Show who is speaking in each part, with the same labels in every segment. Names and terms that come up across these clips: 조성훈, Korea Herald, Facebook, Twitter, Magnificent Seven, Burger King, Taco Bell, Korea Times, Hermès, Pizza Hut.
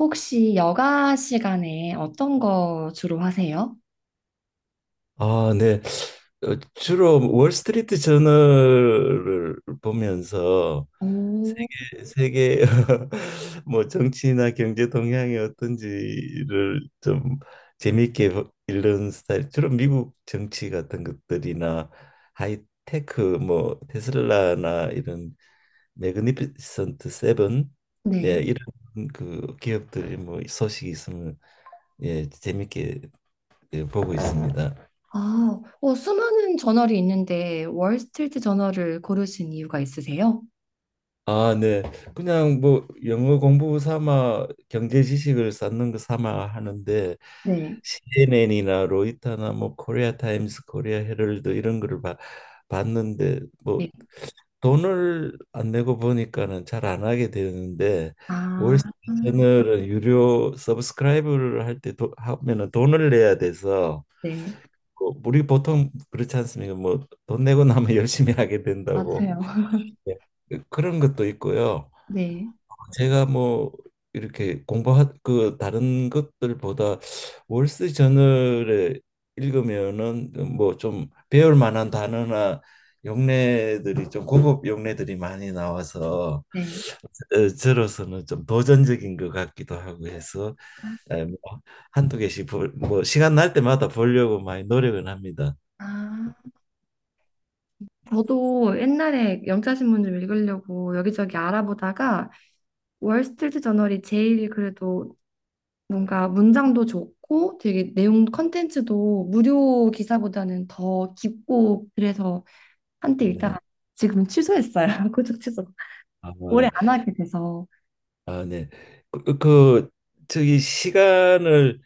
Speaker 1: 혹시 여가 시간에 어떤 거 주로 하세요?
Speaker 2: 아, 네. 주로 월스트리트 저널을 보면서
Speaker 1: 오,
Speaker 2: 세계 뭐 정치나 경제 동향이 어떤지를 좀 재미있게 읽는 스타일. 주로 미국 정치 같은 것들이나 하이테크 뭐 테슬라나 이런 매그니피센트 세븐. 예,
Speaker 1: 네.
Speaker 2: 이런 그 기업들이 뭐 소식이 있으면 예, 재미있게 예, 보고 있습니다.
Speaker 1: 아, 수많은 저널이 있는데 월스트리트 저널을 고르신 이유가 있으세요?
Speaker 2: 아, 네. 그냥 뭐 영어 공부 삼아 경제 지식을 쌓는 거 삼아 하는데
Speaker 1: 네.
Speaker 2: CNN이나 로이터나 뭐 코리아 타임스, 코리아 헤럴드 이런 거를 봤는데 뭐
Speaker 1: 네.
Speaker 2: 돈을 안 내고 보니까는 잘 안 하게 되는데,
Speaker 1: 아,
Speaker 2: 월스트리트저널은 유료 서브스크라이브를 할 때 하면은 돈을 내야 돼서.
Speaker 1: 네.
Speaker 2: 그 우리 보통 그렇지 않습니까? 뭐 돈 내고 나면 열심히 하게 된다고.
Speaker 1: 맞아요.
Speaker 2: 네. 그런 것도 있고요.
Speaker 1: 네.
Speaker 2: 제가 뭐 이렇게 공부하 그 다른 것들보다 월스 저널에 읽으면은 뭐 좀 배울 만한 단어나 용례들이 좀 고급 용례들이 많이 나와서
Speaker 1: 네.
Speaker 2: 저로서는 좀 도전적인 것 같기도 하고 해서 뭐 뭐 시간 날 때마다 보려고 많이 노력은 합니다.
Speaker 1: 아, 저도 옛날에 영자신문 좀 읽으려고 여기저기 알아보다가 월스트리트 저널이 제일 그래도 뭔가 문장도 좋고 되게 내용 컨텐츠도 무료 기사보다는 더 깊고 그래서 한때 읽다가
Speaker 2: 네.
Speaker 1: 지금 취소했어요. 고적 취소.
Speaker 2: 아,
Speaker 1: 오래 안 하게 돼서.
Speaker 2: 아 네. 그, 그 저기 시간을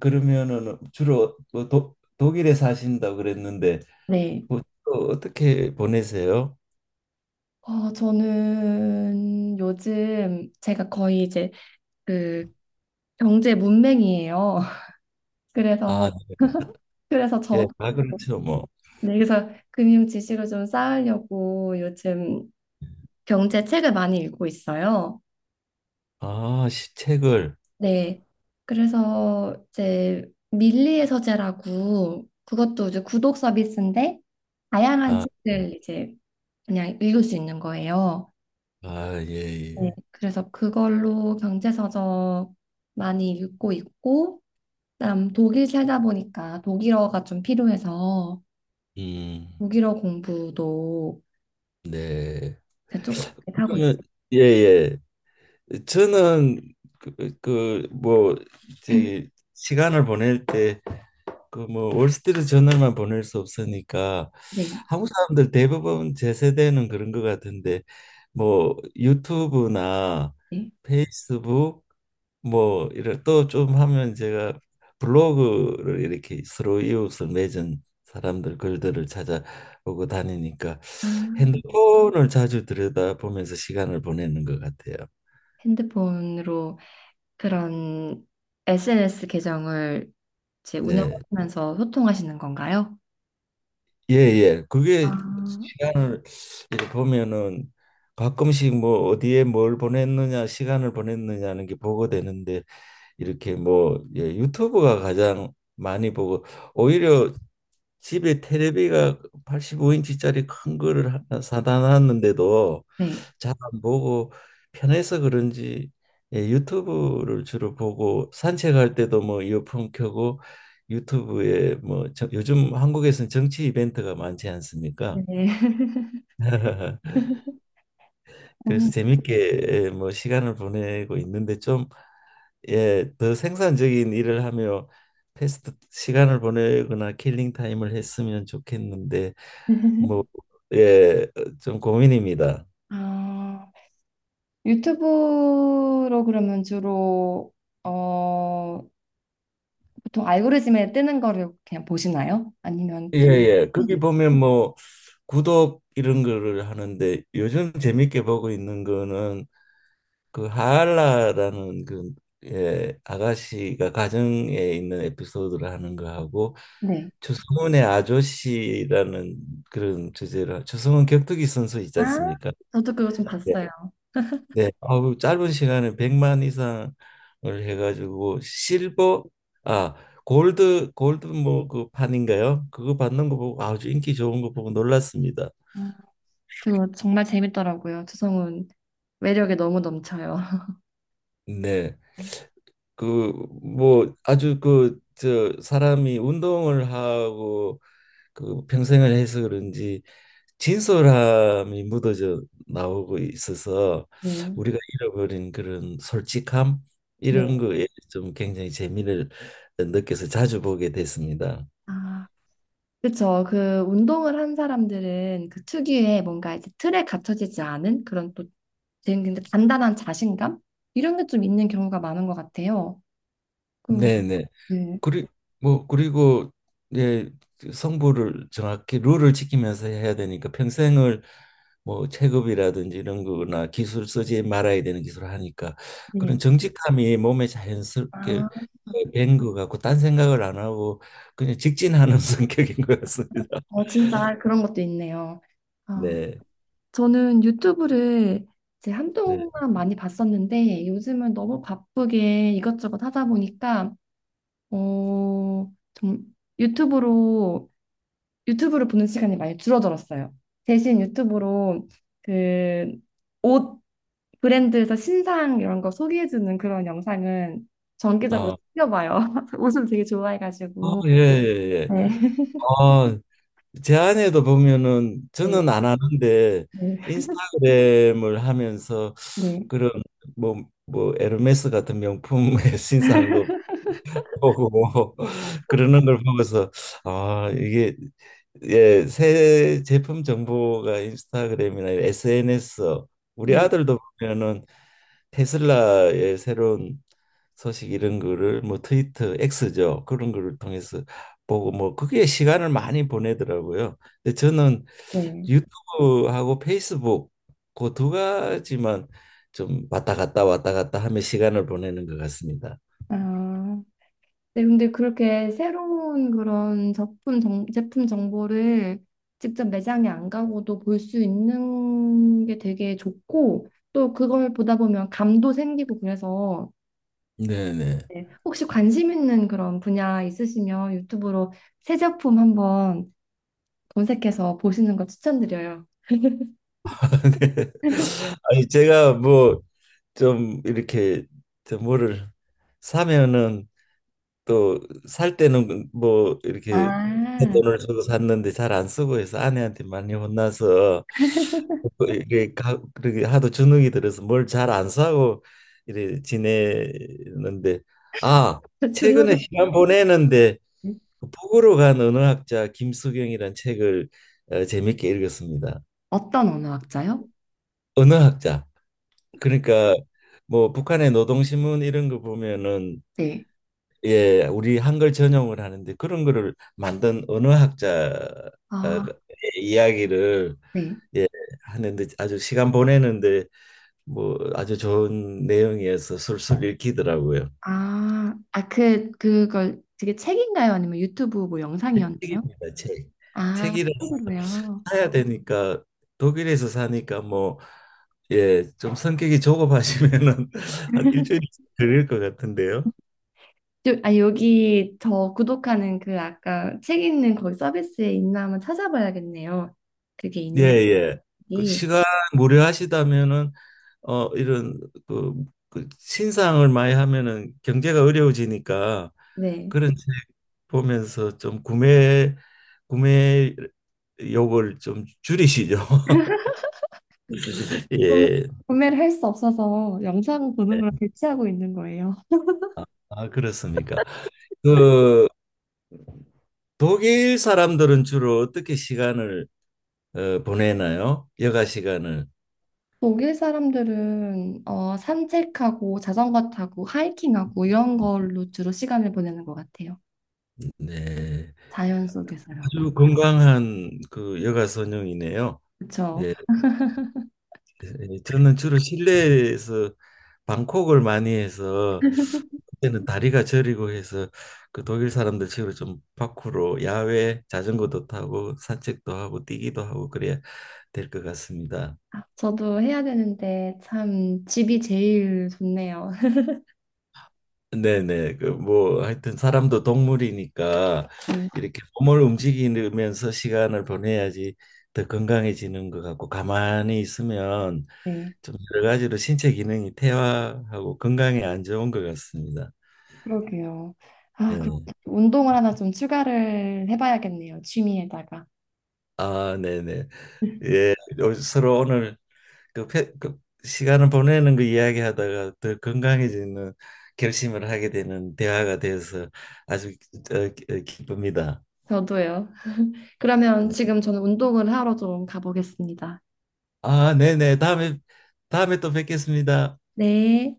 Speaker 2: 러면은 주로 뭐 독일에 사신다고 그랬는데
Speaker 1: 네.
Speaker 2: 뭐 주로 어떻게 보내세요?
Speaker 1: 저는 요즘 제가 거의 이제 그 경제 문맹이에요. 그래서
Speaker 2: 아, 네.
Speaker 1: 그래서
Speaker 2: 예,
Speaker 1: 저
Speaker 2: 아 그렇죠 뭐.
Speaker 1: 네, 그래서 금융 지식을 좀 쌓으려고 요즘 경제 책을 많이 읽고 있어요.
Speaker 2: 아, 책을.
Speaker 1: 네. 그래서 이제 밀리의 서재라고 그것도 이제 구독 서비스인데 다양한
Speaker 2: 아,
Speaker 1: 책을 이제 그냥 읽을 수 있는 거예요.
Speaker 2: 아, 예,
Speaker 1: 네.
Speaker 2: 예.
Speaker 1: 그래서 그걸로 경제서적 많이 읽고 있고 그다음 독일 살다 보니까 독일어가 좀 필요해서
Speaker 2: 음,
Speaker 1: 독일어 공부도
Speaker 2: 네.
Speaker 1: 조금씩 하고 있어요.
Speaker 2: 그러면 예, 예. 저는 그, 그, 뭐, 저기 시간을 보낼 때 그 뭐 월스트리트 저널만 보낼 수 없으니까
Speaker 1: 네.
Speaker 2: 한국 사람들 대부분 제 세대는 그런 것 같은데 뭐 유튜브나
Speaker 1: 네.
Speaker 2: 페이스북 뭐 이런 또 좀 하면, 제가 블로그를 이렇게 서로 이웃을 맺은 사람들 글들을 찾아보고 다니니까
Speaker 1: 아,
Speaker 2: 핸드폰을 자주 들여다보면서 시간을 보내는 것 같아요.
Speaker 1: 핸드폰으로 그런 SNS 계정을 이제
Speaker 2: 네.
Speaker 1: 운영하면서 소통하시는 건가요?
Speaker 2: 예예, 그게
Speaker 1: 아,
Speaker 2: 시간을 이렇게 보면은 가끔씩 뭐 어디에 뭘 보냈느냐, 시간을 보냈느냐는 게 보고 되는데 이렇게 뭐 예, 유튜브가 가장 많이 보고, 오히려 집에 테레비가 85인치짜리 큰 거를 하나 사다 놨는데도
Speaker 1: 네.
Speaker 2: 잘 안 보고 편해서 그런지 예, 유튜브를 주로 보고, 산책할 때도 뭐 이어폰 켜고 유튜브에 뭐 요즘 한국에서는 정치 이벤트가 많지 않습니까?
Speaker 1: 네.
Speaker 2: 그래서
Speaker 1: 음.
Speaker 2: 재밌게 예, 뭐 시간을 보내고 있는데 좀 예, 더 생산적인 일을 하며 패스트 시간을 보내거나 킬링 타임을 했으면 좋겠는데 뭐 예, 좀 고민입니다.
Speaker 1: 아, 유튜브로 그러면 주로 어, 보통 알고리즘에 뜨는 거를 그냥 보시나요? 아니면
Speaker 2: 예,
Speaker 1: 특
Speaker 2: 예. 거기 보면 뭐 구독 이런 거를 하는데, 요즘 재밌게 보고 있는 거는 그 하알라라는 그 예, 아가씨가 가정에 있는 에피소드를 하는 거 하고,
Speaker 1: 네.
Speaker 2: 조성은의 아저씨라는 그런 주제로, 조성은 격투기 선수 있지
Speaker 1: 아,
Speaker 2: 않습니까?
Speaker 1: 저도 그거 좀 봤어요.
Speaker 2: 네, 아우 짧은 시간에 100만 이상을 해가지고 실버, 아 골드 뭐 그 판인가요? 그거 받는 거 보고 아주 인기 좋은 거 보고 놀랐습니다.
Speaker 1: 아, 그거 정말 재밌더라고요. 조성훈 매력에 너무 넘쳐요.
Speaker 2: 네, 그 뭐 아주 그 저 사람이 운동을 하고 그 평생을 해서 그런지 진솔함이 묻어져 나오고 있어서
Speaker 1: 네.
Speaker 2: 우리가 잃어버린 그런 솔직함
Speaker 1: 네.
Speaker 2: 이런 거에 좀 굉장히 재미를 느껴서 자주 보게 됐습니다.
Speaker 1: 아. 그쵸. 그 운동을 한 사람들은 그 특유의 뭔가 이제 틀에 갇혀지지 않은 그런 또 되게 근데 단단한 자신감? 이런 게 좀 있는 경우가 많은 것 같아요. 그,
Speaker 2: 네네.
Speaker 1: 네.
Speaker 2: 그리 뭐 그리고 이제 성부를 정확히 룰을 지키면서 해야 되니까, 평생을 뭐 체급이라든지 이런 거나 기술, 쓰지 말아야 되는 기술을 하니까
Speaker 1: 네.
Speaker 2: 그런 정직함이 몸에 자연스럽게
Speaker 1: 아,
Speaker 2: 밴것 같고 딴 생각을 안 하고 그냥 직진하는 성격인 것 같습니다.
Speaker 1: 진짜 그런 것도 있네요. 아,
Speaker 2: 네.
Speaker 1: 저는 유튜브를 이제
Speaker 2: 네.
Speaker 1: 한동안 많이 봤었는데 요즘은 너무 바쁘게 이것저것 하다 보니까 어, 좀 유튜브로 유튜브를 보는 시간이 많이 줄어들었어요. 대신 유튜브로 그 옷 브랜드에서 신상 이런 거 소개해주는 그런 영상은 정기적으로
Speaker 2: 아,
Speaker 1: 챙겨봐요. 옷을 되게 좋아해가지고.
Speaker 2: 예, 예, 예.
Speaker 1: 네,
Speaker 2: 아, 제 아내도 보면은
Speaker 1: 네,
Speaker 2: 저는 안 네. 하는데
Speaker 1: 네,
Speaker 2: 인스타그램을 하면서
Speaker 1: 네,
Speaker 2: 그런 뭐 뭐 에르메스 같은 명품의 신상도 보고 그러는 걸 보고서 아 이게 예, 새 제품 정보가 인스타그램이나 SNS, 우리
Speaker 1: 네.
Speaker 2: 아들도 보면은 테슬라의 새로운 소식 이런 거를 뭐 트위터 X죠, 그런 거를 통해서 보고 뭐 그게 시간을 많이 보내더라고요. 근데 저는
Speaker 1: 네.
Speaker 2: 유튜브하고 페이스북 그 두 가지만 좀 왔다 갔다 왔다 갔다 하며 시간을 보내는 것 같습니다.
Speaker 1: 아, 네, 근데 그렇게 새로운 그런 제품, 정, 제품 정보를 직접 매장에 안 가고도 볼 수 있는 게 되게 좋고, 또 그걸 보다 보면 감도 생기고 그래서
Speaker 2: 네네.
Speaker 1: 네. 혹시 관심 있는 그런 분야 있으시면 유튜브로 새 제품 한번 검색해서 보시는 거 추천드려요.
Speaker 2: 네. 아니 제가 뭐 좀 이렇게 저 뭐를 사면은 또 살 때는 뭐 이렇게
Speaker 1: 아,
Speaker 2: 돈을 주고 샀는데 잘 안 쓰고 해서 아내한테 많이 혼나서 또 이게 그렇게 하도 주눅이 들어서 뭘 잘 안 사고 이래 지내는데, 아
Speaker 1: 저
Speaker 2: 최근에
Speaker 1: 준우리.
Speaker 2: 시간 보내는데
Speaker 1: 네.
Speaker 2: 그 북으로 간 언어학자 김수경이란 책을 어, 재밌게 읽었습니다.
Speaker 1: 어떤 언어학자요?
Speaker 2: 언어학자. 그러니까 뭐 북한의 노동신문 이런 거 보면은
Speaker 1: 네.
Speaker 2: 예, 우리 한글 전용을 하는데 그런 거를 만든 언어학자의
Speaker 1: 아,
Speaker 2: 이야기를
Speaker 1: 네.
Speaker 2: 예, 하는데 아주 시간 보내는데 뭐 아주 좋은 내용이어서 술술 읽히더라고요.
Speaker 1: 아, 아, 그, 그걸 되게 책인가요? 아니면 유튜브 뭐 영상이었나요?
Speaker 2: 책입니다, 책.
Speaker 1: 아,
Speaker 2: 책이라서
Speaker 1: 책으로요.
Speaker 2: 사야 되니까 독일에서 사니까 뭐 예, 좀 성격이 조급하시면은 한 일주일 걸릴 것 같은데요.
Speaker 1: 요- 아, 여기 저 구독하는 그 아까 책 있는 거기 서비스에 있나 한번 찾아봐야겠네요. 그게
Speaker 2: 예, 예. 그
Speaker 1: 있는지.
Speaker 2: 시간 무료하시다면은 어 이런 그, 그 신상을 많이 하면은 경제가 어려워지니까
Speaker 1: 네.
Speaker 2: 그런 집 보면서 좀 구매 욕을 좀 줄이시죠.
Speaker 1: 구매-
Speaker 2: 예.
Speaker 1: 구매를 할 수 없어서 영상 보는
Speaker 2: 네.
Speaker 1: 걸 대체하고 있는 거예요.
Speaker 2: 아, 그렇습니까? 그 독일 사람들은 주로 어떻게 시간을 어, 보내나요? 여가 시간을.
Speaker 1: 독일 사람들은 산책하고 자전거 타고 하이킹하고 이런 걸로 주로 시간을 보내는 것 같아요.
Speaker 2: 네.
Speaker 1: 자연 속에서라고.
Speaker 2: 아주 건강한 그 여가 선용이네요.
Speaker 1: 그렇죠.
Speaker 2: 예. 예, 저는 주로 실내에서 방콕을 많이 해서, 그때는 다리가 저리고 해서 그 독일 사람들처럼 좀 밖으로 야외 자전거도 타고 산책도 하고 뛰기도 하고 그래야 될 것 같습니다.
Speaker 1: 저도 해야 되는데 참 집이 제일 좋네요.
Speaker 2: 네네 그 뭐 하여튼 사람도 동물이니까
Speaker 1: 네,
Speaker 2: 이렇게 몸을 움직이면서 시간을 보내야지 더 건강해지는 것 같고, 가만히 있으면
Speaker 1: 네,
Speaker 2: 좀 여러 가지로 신체 기능이 퇴화하고 건강에 안 좋은 것 같습니다.
Speaker 1: 그러게요.
Speaker 2: 예.
Speaker 1: 아, 그럼 운동을 하나 좀 추가를 해봐야겠네요. 취미에다가.
Speaker 2: 아, 네네. 예, 서로 오늘 그 시간을 보내는 거 이야기하다가 더 건강해지는 결심을 하게 되는 대화가 되어서 아주 기쁩니다.
Speaker 1: 저도요. 그러면
Speaker 2: 예.
Speaker 1: 지금 저는 운동을 하러 좀 가보겠습니다.
Speaker 2: 아, 네네. 다음에 또 뵙겠습니다.
Speaker 1: 네.